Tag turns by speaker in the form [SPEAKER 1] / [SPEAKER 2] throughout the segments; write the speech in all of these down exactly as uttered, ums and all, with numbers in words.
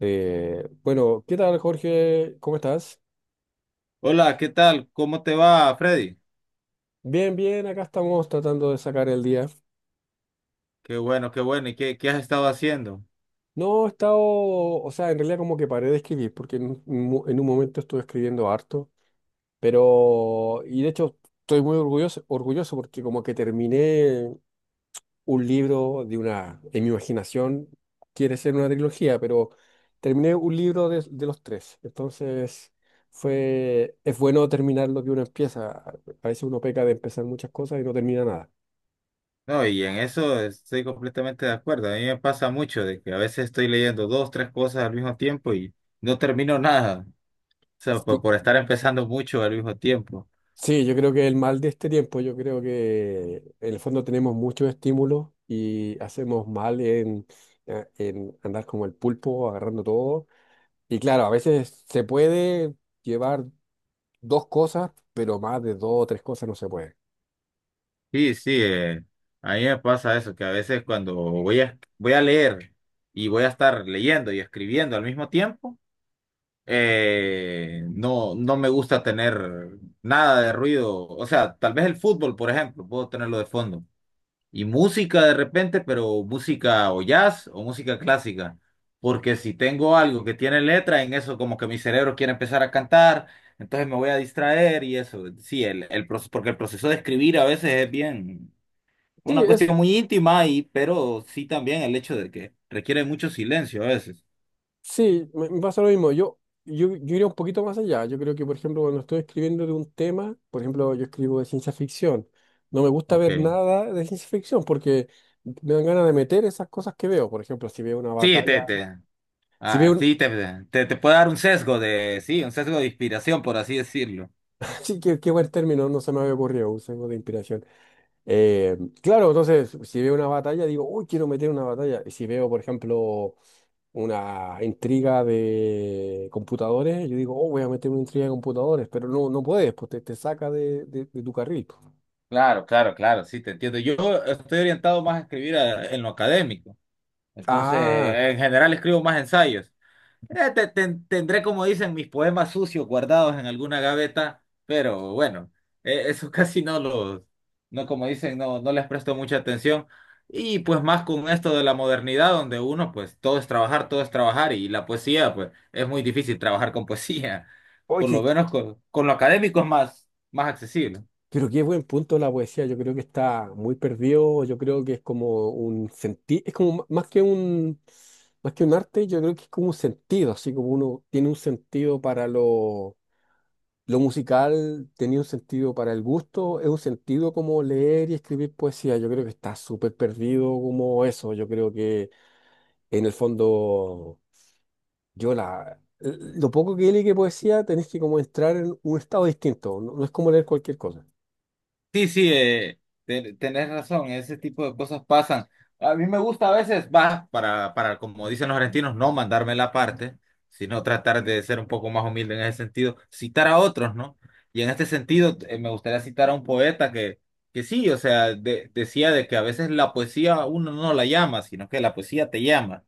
[SPEAKER 1] Eh, bueno, ¿qué tal, Jorge? ¿Cómo estás?
[SPEAKER 2] Hola, ¿qué tal? ¿Cómo te va, Freddy?
[SPEAKER 1] Bien, bien, acá estamos tratando de sacar el día.
[SPEAKER 2] Qué bueno, qué bueno. ¿Y qué, qué has estado haciendo?
[SPEAKER 1] No he estado, o sea, en realidad como que paré de escribir, porque en, un mo- en un momento estuve escribiendo harto, pero, y de hecho estoy muy orgulloso, orgulloso porque como que terminé un libro de una, en mi imaginación, quiere ser una trilogía, pero terminé un libro de, de los tres. Entonces, fue, es bueno terminar lo que uno empieza. A veces uno peca de empezar muchas cosas y no termina nada.
[SPEAKER 2] No, y en eso estoy completamente de acuerdo. A mí me pasa mucho de que a veces estoy leyendo dos, tres cosas al mismo tiempo y no termino nada. O sea, por,
[SPEAKER 1] Sí,
[SPEAKER 2] por estar empezando mucho al mismo tiempo.
[SPEAKER 1] sí, yo creo que el mal de este tiempo, yo creo que en el fondo tenemos muchos estímulos y hacemos mal en, eh, en andar como el pulpo, agarrando todo. Y claro, a veces se puede llevar dos cosas, pero más de dos o tres cosas no se puede.
[SPEAKER 2] Sí, sí, eh, a mí me pasa eso, que a veces cuando voy a, voy a leer y voy a estar leyendo y escribiendo al mismo tiempo. Eh, no, no me gusta tener nada de ruido. O sea, tal vez el fútbol, por ejemplo, puedo tenerlo de fondo. Y música de repente, pero música o jazz o música clásica. Porque si tengo algo que tiene letra, en eso como que mi cerebro quiere empezar a cantar, entonces me voy a distraer y eso. Sí, el, el proceso, porque el proceso de escribir a veces es bien
[SPEAKER 1] Sí,
[SPEAKER 2] una
[SPEAKER 1] es,
[SPEAKER 2] cuestión muy íntima, y, pero sí también el hecho de que requiere mucho silencio a veces.
[SPEAKER 1] sí, me, me pasa lo mismo. Yo, yo, yo iría un poquito más allá. Yo creo que, por ejemplo, cuando estoy escribiendo de un tema, por ejemplo, yo escribo de ciencia ficción. No me gusta
[SPEAKER 2] Ok.
[SPEAKER 1] ver nada de ciencia ficción porque me dan ganas de meter esas cosas que veo. Por ejemplo, si veo una
[SPEAKER 2] Sí,
[SPEAKER 1] batalla,
[SPEAKER 2] Tete.
[SPEAKER 1] si veo
[SPEAKER 2] Ah,
[SPEAKER 1] un...
[SPEAKER 2] sí, te, te, te puede dar un sesgo de, sí, un sesgo de inspiración, por así decirlo.
[SPEAKER 1] Sí, qué, qué buen término, no se me había ocurrido, usemos de inspiración. Eh, claro, entonces, si veo una batalla, digo, uy, quiero meter una batalla. Y si veo, por ejemplo, una intriga de computadores, yo digo, oh, voy a meter una intriga de computadores, pero no, no puedes, pues te, te saca de, de- de tu carril, pues.
[SPEAKER 2] Claro, claro, claro, sí, te entiendo. Yo estoy orientado más a escribir a- en lo académico. Entonces,
[SPEAKER 1] Ah,
[SPEAKER 2] en general escribo más ensayos. Eh, te- te- tendré, como dicen, mis poemas sucios guardados en alguna gaveta, pero bueno, eh, eso casi no los, no como dicen, no, no les presto mucha atención. Y pues más con esto de la modernidad, donde uno, pues todo es trabajar, todo es trabajar, y la poesía, pues es muy difícil trabajar con poesía. Por lo
[SPEAKER 1] oye,
[SPEAKER 2] menos con, con lo académico es más, más accesible.
[SPEAKER 1] pero qué buen punto la poesía. Yo creo que está muy perdido, yo creo que es como un sentido, es como m- más que un, más que un arte, yo creo que es como un sentido, así como uno tiene un sentido para lo, lo musical, tenía un sentido para el gusto, es un sentido como leer y escribir poesía, yo creo que está súper perdido como eso, yo creo que en el fondo, yo la... Lo poco que leí que poesía, tenés que como entrar en un estado distinto, no no es como leer cualquier cosa.
[SPEAKER 2] Sí, sí, eh, te- tenés razón, ese tipo de cosas pasan. A mí me gusta a veces, va, para, para, como dicen los argentinos, no mandarme la parte, sino tratar de ser un poco más humilde en ese sentido, citar a otros, ¿no? Y en este sentido, eh, me gustaría citar a un poeta que, que sí, o sea, de- decía de que a veces la poesía uno no la llama, sino que la poesía te llama.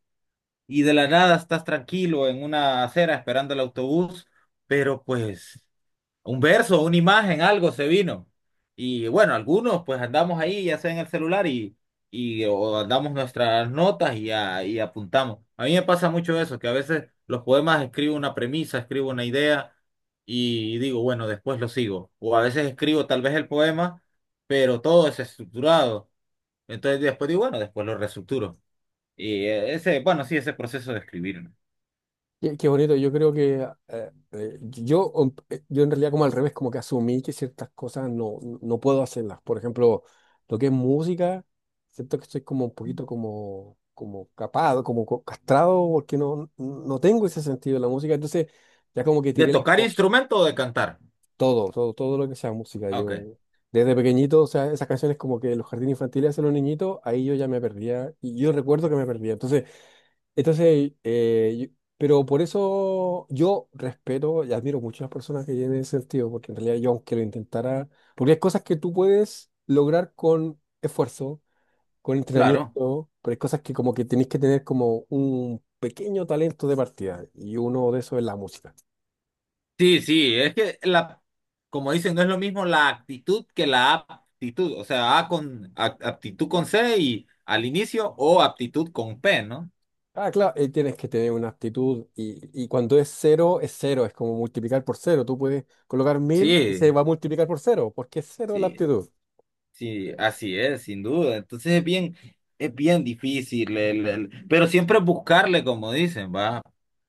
[SPEAKER 2] Y de la nada estás tranquilo en una acera esperando el autobús, pero pues un verso, una imagen, algo se vino. Y bueno, algunos pues andamos ahí, ya sea en el celular y, y o andamos nuestras notas y, a- y apuntamos. A mí me pasa mucho eso, que a veces los poemas escribo una premisa, escribo una idea y digo, bueno, después lo sigo. O a veces escribo tal vez el poema, pero todo es estructurado. Entonces después digo, bueno, después lo reestructuro. Y eh, ese, bueno, sí, ese proceso de escribir, ¿no?
[SPEAKER 1] Qué, qué bonito, yo creo que eh, eh, yo, um, eh, yo en realidad como al revés, como que asumí que ciertas cosas no, no puedo hacerlas. Por ejemplo, lo que es música, siento que estoy como un poquito como, como capado, como co- castrado, porque no, no tengo ese sentido de la música. Entonces, ya como que
[SPEAKER 2] ¿De
[SPEAKER 1] tiré las
[SPEAKER 2] tocar
[SPEAKER 1] po-
[SPEAKER 2] instrumento o de cantar?
[SPEAKER 1] todo, todo, todo lo que sea música.
[SPEAKER 2] Ah, ok,
[SPEAKER 1] Yo desde pequeñito, o sea, esas canciones como que los jardines infantiles hacen los niñitos, ahí yo ya me perdía y yo recuerdo que me perdía. Entonces, entonces, eh, yo- pero por eso yo respeto y admiro mucho a las personas que tienen ese sentido, porque en realidad yo aunque lo intentara, porque hay cosas que tú puedes lograr con esfuerzo, con
[SPEAKER 2] claro.
[SPEAKER 1] entrenamiento, pero hay cosas que como que tenés que tener como un pequeño talento de partida, y uno de esos es la música.
[SPEAKER 2] Sí, sí, es que la, como dicen, no es lo mismo la actitud que la aptitud, o sea, A con a- aptitud con C y al inicio o aptitud con P, ¿no?
[SPEAKER 1] Ah, claro, eh, tienes que tener una actitud, y, y cuando es cero, es cero, es como multiplicar por cero, tú puedes colocar mil y
[SPEAKER 2] Sí.
[SPEAKER 1] se va a multiplicar por cero, porque es cero la
[SPEAKER 2] Sí.
[SPEAKER 1] actitud.
[SPEAKER 2] Sí, así es, sin duda. Entonces es bien, es bien difícil, el- el- pero siempre buscarle, como dicen, va.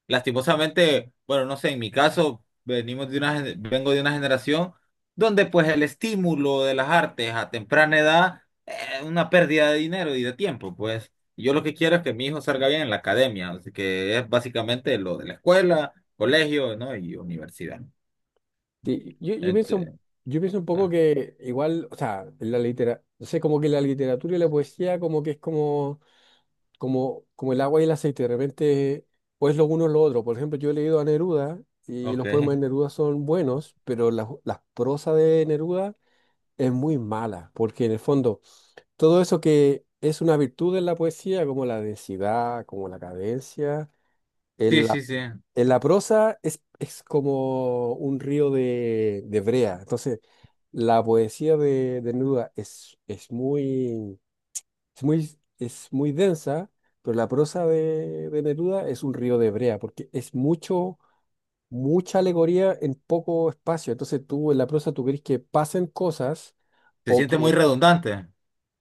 [SPEAKER 2] Lastimosamente, bueno, no sé, en mi caso, venimos de una, gen- vengo de una generación donde pues el estímulo de las artes a temprana edad es una pérdida de dinero y de tiempo, pues. Yo lo que quiero es que mi hijo salga bien en la academia, así que es básicamente lo de la escuela, colegio, ¿no? Y universidad.
[SPEAKER 1] Sí, yo, yo pienso,
[SPEAKER 2] Ente-
[SPEAKER 1] un- yo pienso un poco
[SPEAKER 2] ah,
[SPEAKER 1] que igual, o sea, en la litera, no sé, como que la literatura y la poesía como que es como, como, como el agua y el aceite, de repente o es lo uno o lo otro. Por ejemplo, yo he leído a Neruda y los
[SPEAKER 2] ok.
[SPEAKER 1] poemas de Neruda son buenos, pero la, la prosa de Neruda es muy mala, porque en el fondo todo eso que es una virtud en la poesía, como la densidad, como la cadencia,
[SPEAKER 2] Sí,
[SPEAKER 1] en la,
[SPEAKER 2] sí, sí.
[SPEAKER 1] en la prosa es, es como un río de, de brea. Entonces, la poesía de, de Neruda es, es muy, es muy, es muy densa, pero la prosa de, de Neruda es un río de brea, porque es mucho, mucha alegoría en poco espacio. Entonces, tú en la prosa tú querés que pasen cosas
[SPEAKER 2] Se
[SPEAKER 1] o
[SPEAKER 2] siente muy
[SPEAKER 1] que
[SPEAKER 2] redundante.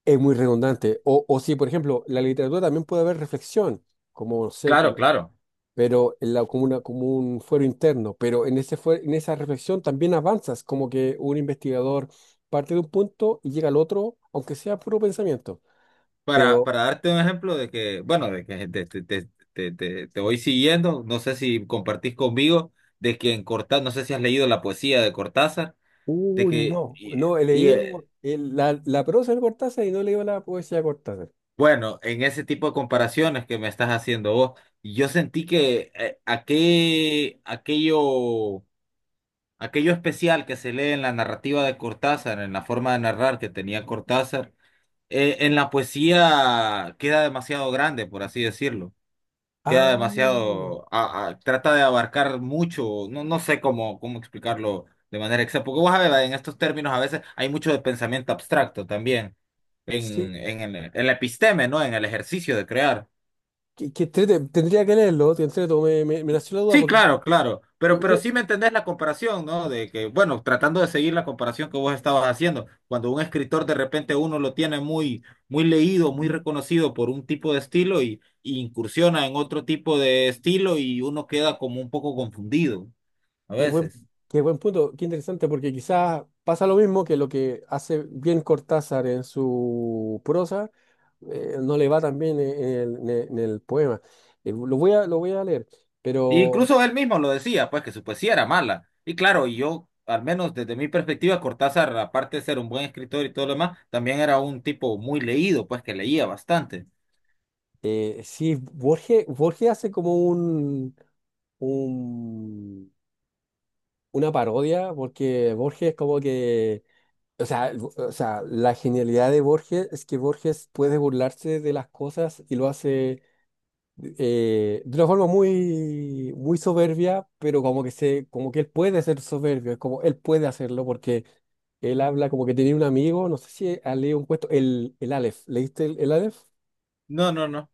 [SPEAKER 1] es muy redundante. O, o si, por ejemplo, la literatura también puede haber reflexión, como, no sé,
[SPEAKER 2] Claro,
[SPEAKER 1] como-
[SPEAKER 2] claro.
[SPEAKER 1] pero en la, como, una- como un fuero interno, pero en ese fue- en esa reflexión también avanzas, como que un investigador parte de un punto y llega al otro, aunque sea puro pensamiento.
[SPEAKER 2] Para,
[SPEAKER 1] Pero,
[SPEAKER 2] para darte un ejemplo de que, bueno, de que te, te, te, te, te- te voy siguiendo, no sé si compartís conmigo, de que en Cortázar, no sé si has leído la poesía de Cortázar, de
[SPEAKER 1] uy,
[SPEAKER 2] que,
[SPEAKER 1] no,
[SPEAKER 2] y,
[SPEAKER 1] no, he
[SPEAKER 2] y,
[SPEAKER 1] leído
[SPEAKER 2] eh,
[SPEAKER 1] el- la, la prosa de Cortázar y no he leído la poesía de Cortázar.
[SPEAKER 2] bueno, en ese tipo de comparaciones que me estás haciendo vos, yo sentí que eh, aquel- aquello, aquello especial que se lee en la narrativa de Cortázar, en la forma de narrar que tenía Cortázar, eh, en la poesía queda demasiado grande, por así decirlo, queda
[SPEAKER 1] Ah,
[SPEAKER 2] demasiado, a- a- trata de abarcar mucho, no, no sé cómo, cómo explicarlo de manera exacta, porque vos sabés, en estos términos a veces hay mucho de pensamiento abstracto también,
[SPEAKER 1] sí,
[SPEAKER 2] en, en, el, en la episteme, ¿no? En el ejercicio de crear.
[SPEAKER 1] que, que entrete, tendría que leerlo, te entreto, me, me, me nació la duda,
[SPEAKER 2] Sí,
[SPEAKER 1] porque...
[SPEAKER 2] claro, claro, pero, pero
[SPEAKER 1] ¿qué-
[SPEAKER 2] sí me entendés la comparación, ¿no? De que, bueno, tratando de seguir la comparación que vos estabas haciendo, cuando un escritor de repente uno lo tiene muy, muy leído, muy
[SPEAKER 1] qué?
[SPEAKER 2] reconocido por un tipo de estilo y, y incursiona en otro tipo de estilo y uno queda como un poco confundido a
[SPEAKER 1] Qué buen,
[SPEAKER 2] veces.
[SPEAKER 1] qué buen punto, qué interesante, porque quizás pasa lo mismo que lo que hace bien Cortázar en su prosa, eh, no le va tan bien en el, en el- en el poema. Eh, lo voy a, lo voy a leer,
[SPEAKER 2] E
[SPEAKER 1] pero
[SPEAKER 2] incluso él mismo lo decía, pues que su poesía era mala. Y claro, y yo, al menos desde mi perspectiva, Cortázar, aparte de ser un buen escritor y todo lo demás, también era un tipo muy leído, pues que leía bastante.
[SPEAKER 1] eh, sí, Borges, Borges hace como un, un- una parodia, porque Borges es como que, o sea, el- o sea, la genialidad de Borges es que Borges puede burlarse de las cosas y lo hace eh, de una forma muy, muy soberbia, pero como que se, como que él puede ser soberbio, es como él puede hacerlo porque él habla como que tenía un amigo, no sé si ha leído un cuento, el, el Aleph, ¿leíste el, el Aleph?
[SPEAKER 2] No, no, no.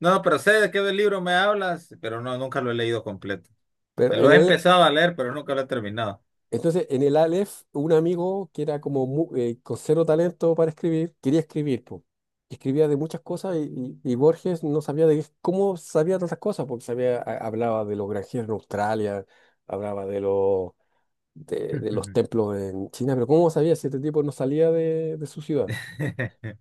[SPEAKER 2] No, pero sé de qué libro me hablas, pero no, nunca lo he leído completo.
[SPEAKER 1] Pero en
[SPEAKER 2] Lo he
[SPEAKER 1] el,
[SPEAKER 2] empezado a leer, pero nunca lo he terminado.
[SPEAKER 1] entonces en el Aleph un amigo que era como mu- eh, con cero talento para escribir, quería escribir, po. Escribía de muchas cosas y, y- y Borges no sabía de qué- cómo sabía tantas cosas, porque sabía, ha- hablaba de los granjeros en Australia, hablaba de los de, de los templos en China, pero ¿cómo sabía si este tipo no salía de, de su ciudad?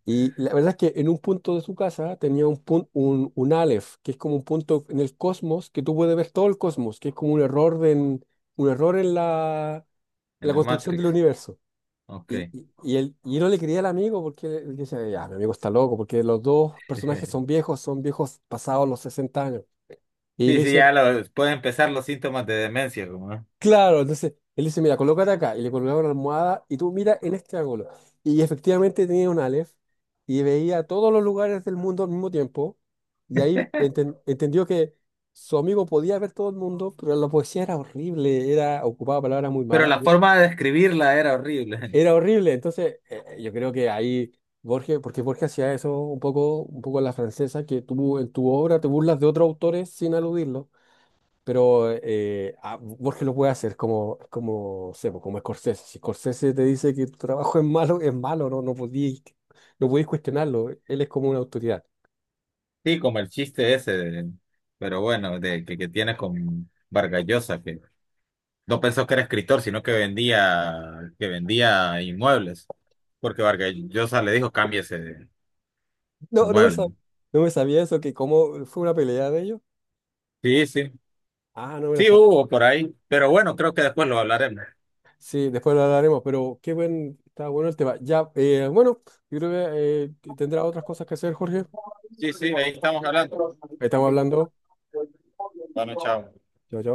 [SPEAKER 1] Y la verdad es que en un punto de su casa tenía un, pun- un, un Aleph, que es como un punto en el cosmos, que tú puedes ver todo el cosmos, que es como un error, de en, un error en la, en
[SPEAKER 2] En
[SPEAKER 1] la
[SPEAKER 2] la
[SPEAKER 1] construcción del
[SPEAKER 2] Matrix.
[SPEAKER 1] universo.
[SPEAKER 2] Ok.
[SPEAKER 1] Y, y, y él, y yo no le creía al amigo porque él decía, ya, mi amigo está loco, porque los dos personajes son viejos, son viejos pasados los sesenta años. Y
[SPEAKER 2] Sí,
[SPEAKER 1] le
[SPEAKER 2] sí,
[SPEAKER 1] dice.
[SPEAKER 2] ya lo, pueden empezar los síntomas de demencia, como, ¿no?
[SPEAKER 1] Claro, entonces él dice, mira, colócate acá. Y le colocaba una almohada y tú mira en este ángulo. Y efectivamente tenía un Aleph y veía todos los lugares del mundo al mismo tiempo. Y ahí enten- entendió que su amigo podía ver todo el mundo, pero la poesía era horrible, era ocupaba palabras muy
[SPEAKER 2] Pero
[SPEAKER 1] malas.
[SPEAKER 2] la forma de describirla era horrible.
[SPEAKER 1] Era horrible. Entonces eh, yo creo que ahí Borges, porque Borges hacía eso un poco, un poco a la francesa, que tú en tu obra te burlas de otros autores sin aludirlo. Pero eh, ah, Borges lo puede hacer como, como, no sé, pues, como Scorsese. Si Scorsese te dice que tu trabajo es malo, es malo, no, no podíais, no podíais cuestionarlo. Él es como una autoridad.
[SPEAKER 2] Sí, como el chiste ese, de- pero bueno, de que, que tiene con Vargas Llosa, que no pensó que era escritor, sino que vendía, que vendía inmuebles, porque Vargas Llosa le dijo, cámbiese de, de
[SPEAKER 1] No, no me,
[SPEAKER 2] mueble,
[SPEAKER 1] sa-
[SPEAKER 2] ¿no?
[SPEAKER 1] no me sabía eso, que como fue una pelea de ellos.
[SPEAKER 2] Sí, sí,
[SPEAKER 1] Ah, no me la
[SPEAKER 2] sí
[SPEAKER 1] sabía.
[SPEAKER 2] hubo por ahí, pero bueno, creo que después lo hablaremos.
[SPEAKER 1] Sí, después lo hablaremos, pero qué buen, está bueno el tema. Ya, eh, bueno, yo creo que eh, tendrá otras cosas que hacer, Jorge.
[SPEAKER 2] Sí, sí, ahí estamos hablando.
[SPEAKER 1] Estamos hablando.
[SPEAKER 2] Bueno, chao.
[SPEAKER 1] Chao, chao.